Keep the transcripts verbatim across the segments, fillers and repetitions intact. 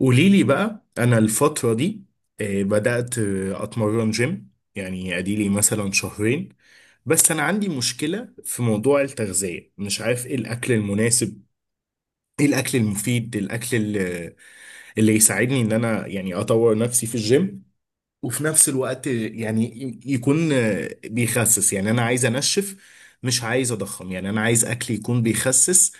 قولي لي بقى انا الفتره دي، آه، بدات آه، اتمرن جيم، يعني اديلي مثلا شهرين. بس انا عندي مشكله في موضوع التغذيه، مش عارف ايه الاكل المناسب، ايه الاكل المفيد، الاكل اللي, اللي يساعدني ان انا يعني اطور نفسي في الجيم، وفي نفس الوقت آه، يعني ي- يكون آه، بيخسس، يعني انا عايز انشف، مش عايز اضخم، يعني انا عايز اكل يكون بيخسس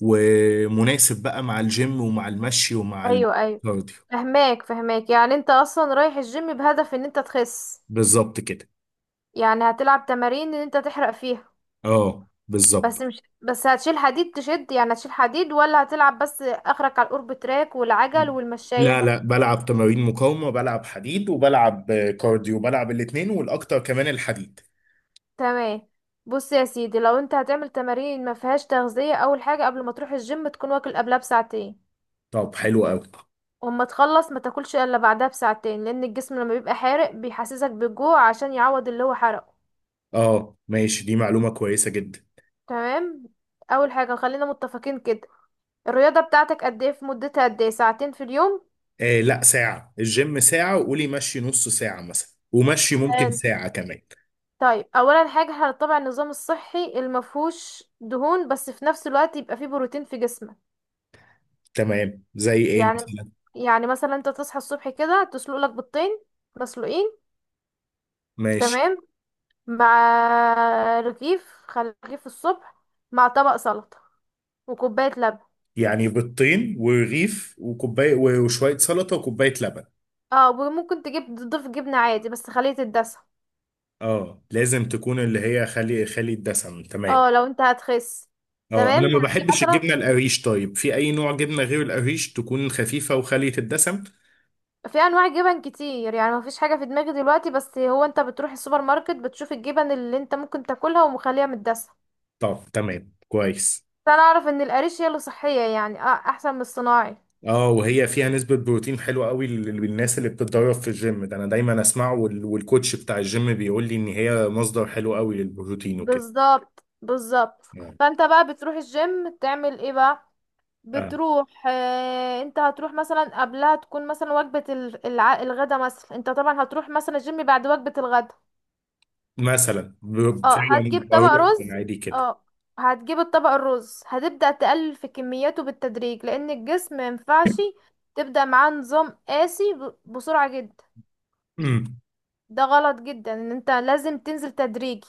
ومناسب بقى مع الجيم ومع المشي ومع ايوه ايوه. الكارديو. فهماك فهماك، يعني انت اصلا رايح الجيم بهدف ان انت تخس، بالظبط كده. يعني هتلعب تمارين ان انت تحرق فيها. اه، بالظبط. بس مش بس هتشيل حديد تشد، يعني هتشيل حديد ولا هتلعب بس اخرك على الأورب تراك والعجل لا، والمشاية؟ لا، بلعب تمارين مقاومة، بلعب حديد، وبلعب آه، كارديو، بلعب الاتنين، والأكتر كمان الحديد. تمام. بص يا سيدي، لو انت هتعمل تمارين ما فيهاش تغذية، اول حاجة قبل ما تروح الجيم تكون واكل قبلها بساعتين، طب حلو أوي. واما تخلص ما تاكلش الا بعدها بساعتين، لان الجسم لما بيبقى حارق بيحسسك بالجوع عشان يعوض اللي هو حرقه. اه، ماشي، دي معلومة كويسة جدا. تمام. اول حاجة خلينا متفقين كده. الرياضة بتاعتك قد ايه في مدتها؟ قد ايه، ساعتين في اليوم؟ آه، لا، ساعة الجيم ساعة، وقولي مشي نص ساعة مثلا، ومشي ممكن حلو. ساعة كمان. طيب اولا حاجة هنتبع النظام الصحي المفهوش دهون، بس في نفس الوقت يبقى فيه بروتين في جسمك. تمام، زي ايه يعني مثلا؟ يعني مثلا انت تصحى الصبح كده تسلق لك بيضتين مسلوقين. ماشي. تمام. مع رغيف خلي رغيف الصبح، مع طبق سلطة وكوباية لبن. يعني بيضتين ورغيف وكوباية وشوية سلطة وكوباية لبن؟ اه، وممكن تجيب تضيف جبنة عادي، بس خليه تتدسى. اه، لازم تكون اللي هي خالي خالي الدسم، تمام. اه لو انت هتخس. اه، انا تمام. ما هتيجي بحبش مثلا، الجبنه القريش، طيب في اي نوع جبنه غير القريش تكون خفيفه وخاليه الدسم؟ في انواع جبن كتير يعني، مفيش حاجه في دماغي دلوقتي، بس هو انت بتروح السوبر ماركت بتشوف الجبن اللي انت ممكن تاكلها ومخليها متدسه. طب تمام، كويس. بس انا اعرف ان القريش هي اللي صحيه، يعني اه احسن من الصناعي. اه، وهي فيها نسبه بروتين حلوه قوي لل- للناس اللي بتتدرب في الجيم، ده انا دايما اسمعه، وال- والكوتش بتاع الجيم بيقول لي ان هي مصدر حلو قوي للبروتين وكده، بالظبط بالظبط. يعني. فانت بقى بتروح الجيم تعمل ايه بقى؟ آه. بتروح آه انت هتروح مثلا، قبلها تكون مثلا وجبه ال- الع- الغدا، مثلا انت طبعا هتروح مثلا الجيم بعد وجبه الغدا. مثلا ب- اه هتجيب فعلا طبق بروح. رز. من عادي كده. اه هتجيب الطبق الرز، هتبدأ تقلل في كمياته بالتدريج، لأن الجسم مينفعش تبدأ معاه نظام قاسي ب- بسرعة جدا. أمم. ده غلط جدا، ان انت لازم تنزل تدريجي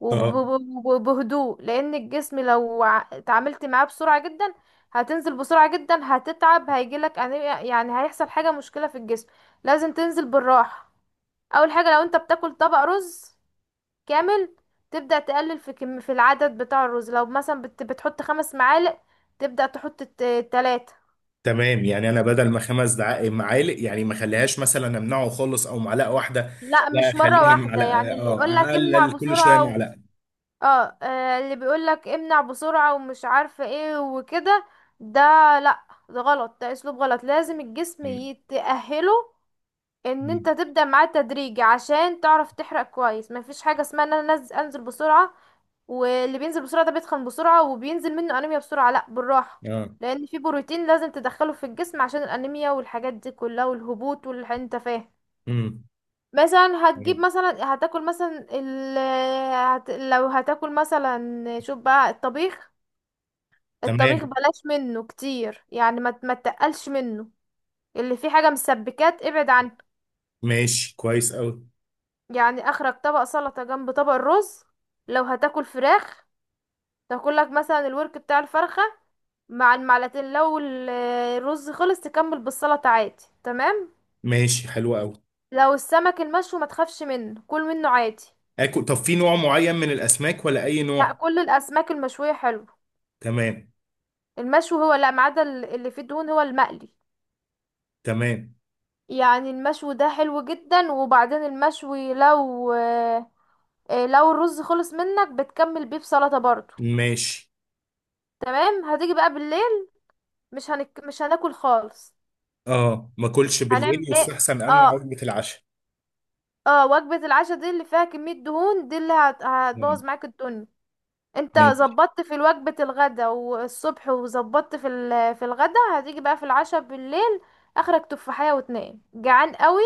وب- اه، وب- وبهدوء لأن الجسم لو ع- اتعاملت معاه بسرعة جدا هتنزل بسرعة جدا، هتتعب، هيجيلك أنيميا- يعني هيحصل حاجة، مشكلة في الجسم، لازم تنزل بالراحة. أول حاجة، لو انت بتاكل طبق رز كامل، تبدأ تقلل في كم في العدد بتاع الرز. لو مثلا بت بتحط خمس معالق، تبدأ تحط الت- تلاتة. تمام، يعني انا بدل ما خمس دع- معالق، يعني ما اخليهاش مثلا، امنعه خالص او معلقه واحده؟ لا، لا، مش مرة اخليها واحدة، معلقه، يعني اللي اه يقولك امنع اقلل كل شويه بسرعة و... معلقه. اه آه، اللي بيقولك امنع بسرعة ومش عارفة ايه وكده، ده، لا ده غلط، ده اسلوب غلط، لازم الجسم مم. يتأهله ان مم. انت تبدأ معاه تدريجي عشان تعرف تحرق كويس. مفيش حاجة اسمها ان انا نز- انزل بسرعة، واللي بينزل بسرعة ده بيتخن بسرعة وبينزل منه انيميا بسرعة، لا بالراحة. اه. لان في بروتين لازم تدخله في الجسم عشان الانيميا والحاجات دي كلها والهبوط واللي انت فاهم. مم. مثلا هتجيب مم. مثلا هتاكل مثلا ال... هت... لو هتاكل مثلا، شوف بقى الطبيخ. الطبيخ تمام، بلاش منه كتير، يعني ما ت- ما تقلش منه. اللي فيه حاجة مسبكات ابعد عنه. ماشي، كويس قوي. يعني اخرك طبق سلطة جنب طبق الرز. لو هتاكل فراخ، تاكلك مثلا الورك بتاع الفرخة مع المعلقتين. لو ال- الرز خلص، تكمل بالسلطة عادي. تمام. ماشي، حلو قوي. لو السمك المشوي ما تخافش منه، كل منه عادي. اكل، طب في نوع معين من الاسماك ولا اي لا، نوع؟ كل الاسماك المشوية حلو. تمام. المشوي هو، لا، ما عدا ال- اللي فيه دهون هو المقلي. تمام، يعني المشوي ده حلو جدا، وبعدين المشوي، لو آه، آه، لو الرز خلص منك بتكمل بيه بسلطة برضو. ماشي. تمام. هتيجي بقى بالليل، مش هنك... مش هناكل خالص. اه، ما اكلش هنعمل بالليل، ايه؟ يستحسن امنع اه وجبه العشاء؟ اه وجبة العشاء دي اللي فيها كمية دهون، دي اللي هت- مم. هتبوظ معاك الدنيا. انت ماشي. ظبطت في وجبة الغدا والصبح، وظبطت في ال- في الغدا، هتيجي بقى في العشاء بالليل. اخرك تفاحية، واتنين جعان قوي.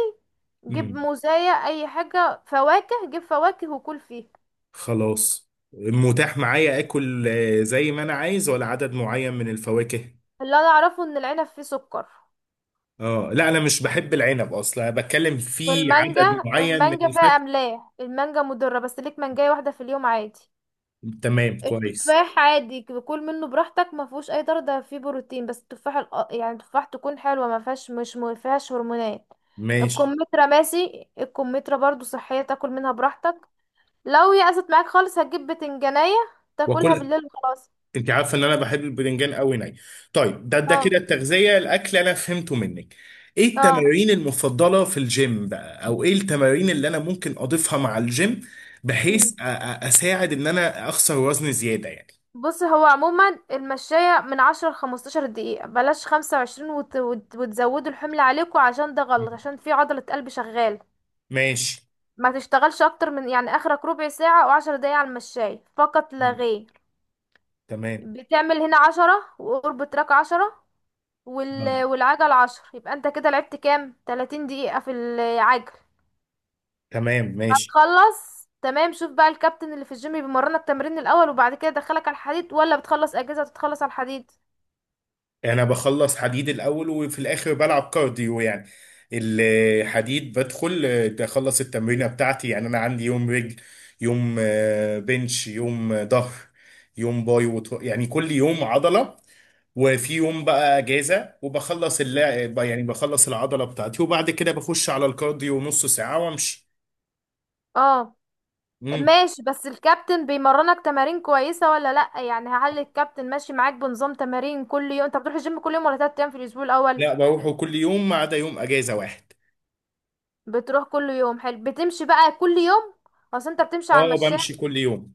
جيب مم. موزاية، اي حاجة فواكه، جيب فواكه وكل فيها. خلاص، متاح معايا اكل آه، زي ما انا عايز، ولا عدد معين من الفواكه؟ اللي انا اعرفه ان العنب فيه سكر. اه، لا، انا مش بحب العنب اصلا، أنا بتكلم في عدد والمانجا، معين من المانجا فيها الفاكهه. املاح، المانجا مضرة، بس ليك مانجاية واحدة في اليوم عادي. تمام، كويس. التفاح عادي، كل منه براحتك، ما فيهوش اي ضرر، ده فيه بروتين. بس التفاح الأ- يعني التفاح تكون حلوه، ما فيهاش مش ما فيهاش هرمونات. ماشي، الكمثرى ماشي، الكمثرى برضو صحيه، تاكل منها براحتك. لو يأست معاك خالص، هتجيب بتنجانيه، تاكلها واكل. بالليل وخلاص. انت عارفه ان انا بحب الباذنجان قوي ني. طيب، ده ده اه كده التغذيه الاكل انا فهمته منك. ايه اه. التمارين المفضله في الجيم بقى، او ايه التمارين اللي انا ممكن اضيفها مع الجيم؟ بحيث أ- مم. أ- اساعد ان انا اخسر وزن زياده يعني. بص، هو عموما المشاية من عشرة لخمستاشر دقيقة، بلاش خمسة وعشرين، وت... وت... وتزودوا الحمل عليكم، عشان ده مم. غلط، عشان في عضلة قلب شغالة. ماشي. ما تشتغلش اكتر من، يعني اخرك ربع ساعة او عشر دقايق على المشاية فقط لا مم. غير. تمام. بتعمل هنا عشرة، وقرب تراك عشرة مم. وال... والعجل عشر، يبقى انت كده لعبت كام، تلاتين دقيقة في العجل. تمام، ماشي. هتخلص تمام. شوف بقى الكابتن اللي في الجيم، بيمرنك تمرين الاول وبعد كده يدخلك على الحديد، ولا بتخلص اجهزة وتتخلص على الحديد؟ انا بخلص حديد الاول، وفي الاخر بلعب كارديو يعني. الحديد بدخل آه، اخلص التمرينه بتاعتي، يعني انا عندي يوم رجل، يوم آه، بنش، يوم آه، ظهر، يوم باي وتر... يعني كل يوم عضله. وفي يوم بقى اجازه، وبخلص اللعب، يعني بخلص العضله بتاعتي وبعد كده بخش على الكارديو نص ساعه وامشي. اه، مم. ماشي. بس الكابتن بيمرنك تمارين كويسة ولا لأ؟ يعني هل الكابتن ماشي معاك بنظام تمارين كل يوم؟ انت بتروح الجيم كل يوم ولا تلات ايام في الاسبوع الاول؟ لا، بروحه كل يوم ما عدا يوم اجازه واحد. بتروح كل يوم؟ حلو. بتمشي بقى كل يوم؟ اصل انت بتمشي على اه، المشاية، بمشي كل يوم.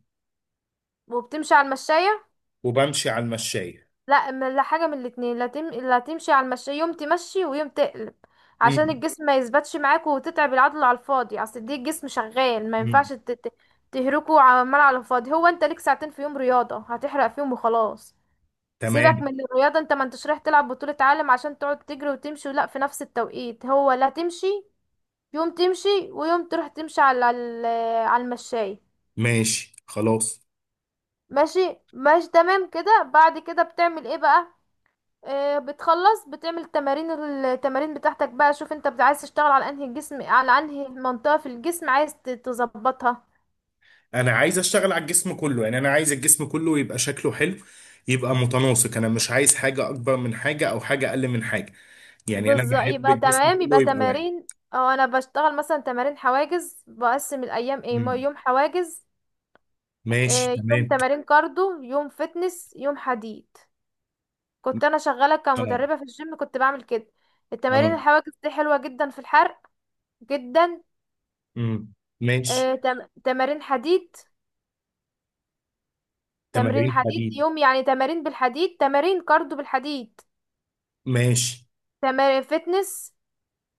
وبتمشي على المشاية. وبمشي على المشايه. لا م- لا، حاجة من الاتنين. لا, تم... لا تمشي على المشاية يوم، تمشي ويوم تقلب، عشان مم. الجسم ما يثبتش معاك وتتعب العضلة على الفاضي. اصل دي، الجسم شغال، ما مم. ينفعش ت... ت- تهركه عمال على الفاضي. هو انت ليك ساعتين في يوم رياضة هتحرق فيهم وخلاص. تمام، سيبك من الرياضة، انت ما انتش رايح تلعب بطولة عالم عشان تقعد تجري وتمشي. لا، في نفس التوقيت هو، لا، تمشي يوم، تمشي ويوم تروح تمشي على ال- على المشاية. ماشي، خلاص. ماشي ماشي تمام كده. بعد كده بتعمل ايه بقى؟ آه بتخلص، بتعمل تمارين التمارين بتاعتك بقى. شوف انت بت- عايز تشتغل على انهي الجسم على انهي منطقة في الجسم عايز ت- تظبطها. انا عايز اشتغل على الجسم كله، يعني انا عايز الجسم كله يبقى شكله حلو، يبقى متناسق، انا مش عايز حاجة اكبر من حاجة او حاجة اقل من حاجة، يعني انا بالظبط، بحب يبقى الجسم تمام، كله يبقى يبقى واحد. تمارين. او انا بشتغل مثلا تمارين حواجز، بقسم الايام ايه، م- امم. يوم حواجز. ماشي، آه يوم تمام. تمارين كاردو، يوم فتنس، يوم حديد. كنت انا شغالة اه. كمدربة في الجيم، كنت بعمل كده. التمارين اه. الحواجز دي حلوة جدا في الحرق، جدا. امم. ماشي. آه، تم... تمارين حديد. تمرين تمارين حديد حديد. يوم، يعني تمارين بالحديد، تمارين كاردو بالحديد، ماشي. تمارين فتنس.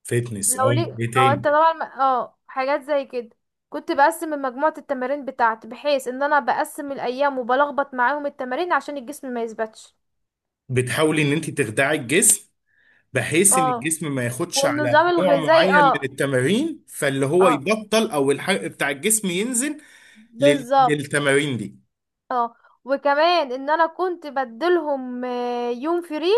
فتنس، لو اه. لي، ايه اه انت تاني؟ طبعا، ما- اه حاجات زي كده. كنت بقسم مجموعة التمارين بتاعتي بحيث ان انا بقسم الايام وبلخبط معاهم التمارين عشان الجسم ما يثبتش. بتحاولي ان انت تخدعي الجسم، بحيث ان اه. الجسم ما ياخدش على والنظام نوع الغذائي، معين من اه. التمارين، فاللي هو اه، يبطل، او الحرق بتاع الجسم ينزل لل- بالظبط. للتمارين دي. اه، وكمان ان انا كنت بدلهم آه، يوم فري.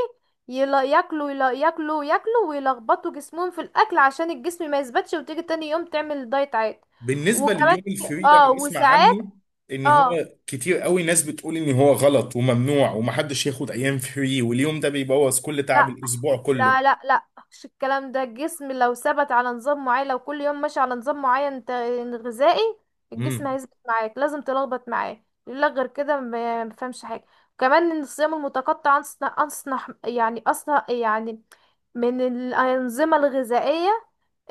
يلا ياكلوا، يلا ياكلوا ياكلوا، ويلخبطوا جسمهم في الاكل عشان الجسم ما يثبتش، وتيجي تاني يوم تعمل دايت عادي. بالنسبه وكمان، لليوم الفري ده، اه انا بسمع وساعات. عنه ان اه، هو كتير قوي ناس بتقول ان هو غلط وممنوع ومحدش ياخد ايام فري، واليوم ده بيبوظ كل تعب لا الاسبوع كله. لا لا. لا، مش الكلام ده. الجسم لو ثبت على نظام معين، لو كل يوم ماشي على نظام معين ت- غذائي، الجسم امم. هيثبت معاك، لازم تلخبط معاه، لا غير كده ما ما فهمش حاجة. كمان، ان الصيام المتقطع أنصح أنصح، يعني أصلا، يعني من الأنظمة الغذائية،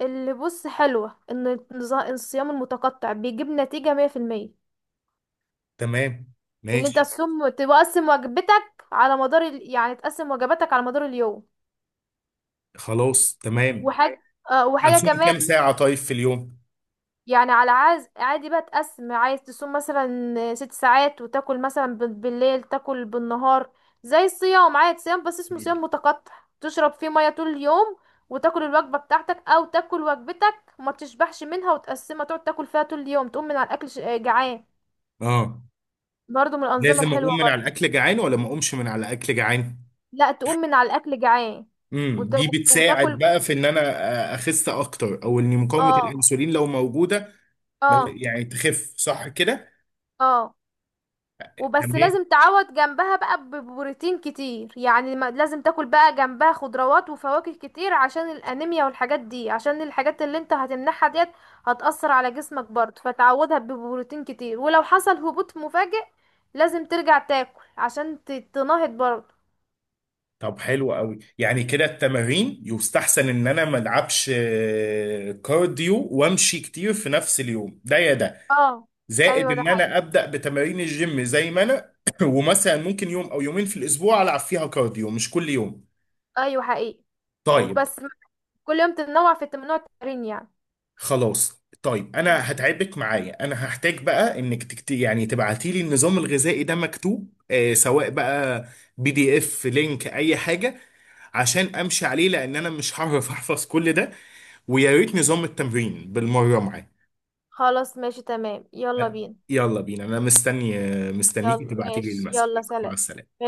اللي، بص، حلوة، ان النظا- الصيام المتقطع بيجيب نتيجة مية في المية. تمام، اللي انت ماشي. تصوم، تقسم وجبتك على مدار ال... يعني تقسم وجباتك على مدار اليوم. خلاص، تمام. وحاجة آه وحاجة اصوم كمان. كام ساعه طيب في اليوم؟ يعني على عاز عادي بقى، تقسم، عايز تصوم مثلا ست ساعات، وتاكل مثلا بال- بالليل، تاكل بالنهار. زي الصيام عادي، صيام، بس اسمه مم. صيام متقطع. تشرب فيه مية طول اليوم، وتاكل الوجبة بتاعتك، او تاكل وجبتك وما تشبعش منها وتقسمها، تقعد تاكل فيها طول اليوم، تقوم من على الاكل ش- جعان. اه، برضو من الانظمة لازم اقوم الحلوة من على برضو. الاكل جعان، ولا ما اقومش من على الاكل جعان؟ لا، تقوم من على الاكل جعان امم، وت... دي بتساعد وتاكل بقى في ان انا آه، اخس اكتر، او ان مقاومه اه الانسولين لو موجوده ما- اه يعني تخف صح كده؟ اه. وبس، تمام. لازم تعوض جنبها بقى ببروتين كتير، يعني ما- لازم تاكل بقى جنبها خضروات وفواكه كتير عشان الانيميا والحاجات دي، عشان الحاجات اللي انت هتمنحها ديت هتأثر على جسمك برضه، فتعوضها ببروتين كتير، ولو حصل هبوط مفاجئ لازم ترجع تاكل عشان ت- تنهض برضه. طب حلو قوي، يعني كده التمارين يستحسن ان انا ما العبش آه، كارديو وامشي كتير في نفس اليوم، ده يا ده؟ اه. زائد ايوه ده ان حقيقي، انا ابدا بتمارين الجيم زي ما انا ومثلا ممكن يوم او يومين في الاسبوع العب فيها كارديو، مش كل يوم. ايوه حقيقي. طيب. وبس كل يوم تتنوع في ممنوع التمرين يعني. خلاص طيب، انا هتعبك معايا، انا هحتاج بقى انك تكت... يعني تبعتي لي النظام الغذائي ده مكتوب، آه، سواء بقى بي دي اف، لينك، اي حاجه، عشان امشي عليه، لان انا مش هعرف احفظ كل ده. ويا ريت نظام التمرين بالمرة معاك. خلاص ماشي تمام. يلا بينا. يلا بينا، أنا مستني، مستنيكي يلا تبعتي لي ماشي. المسج. يلا مع سلام. السلامة.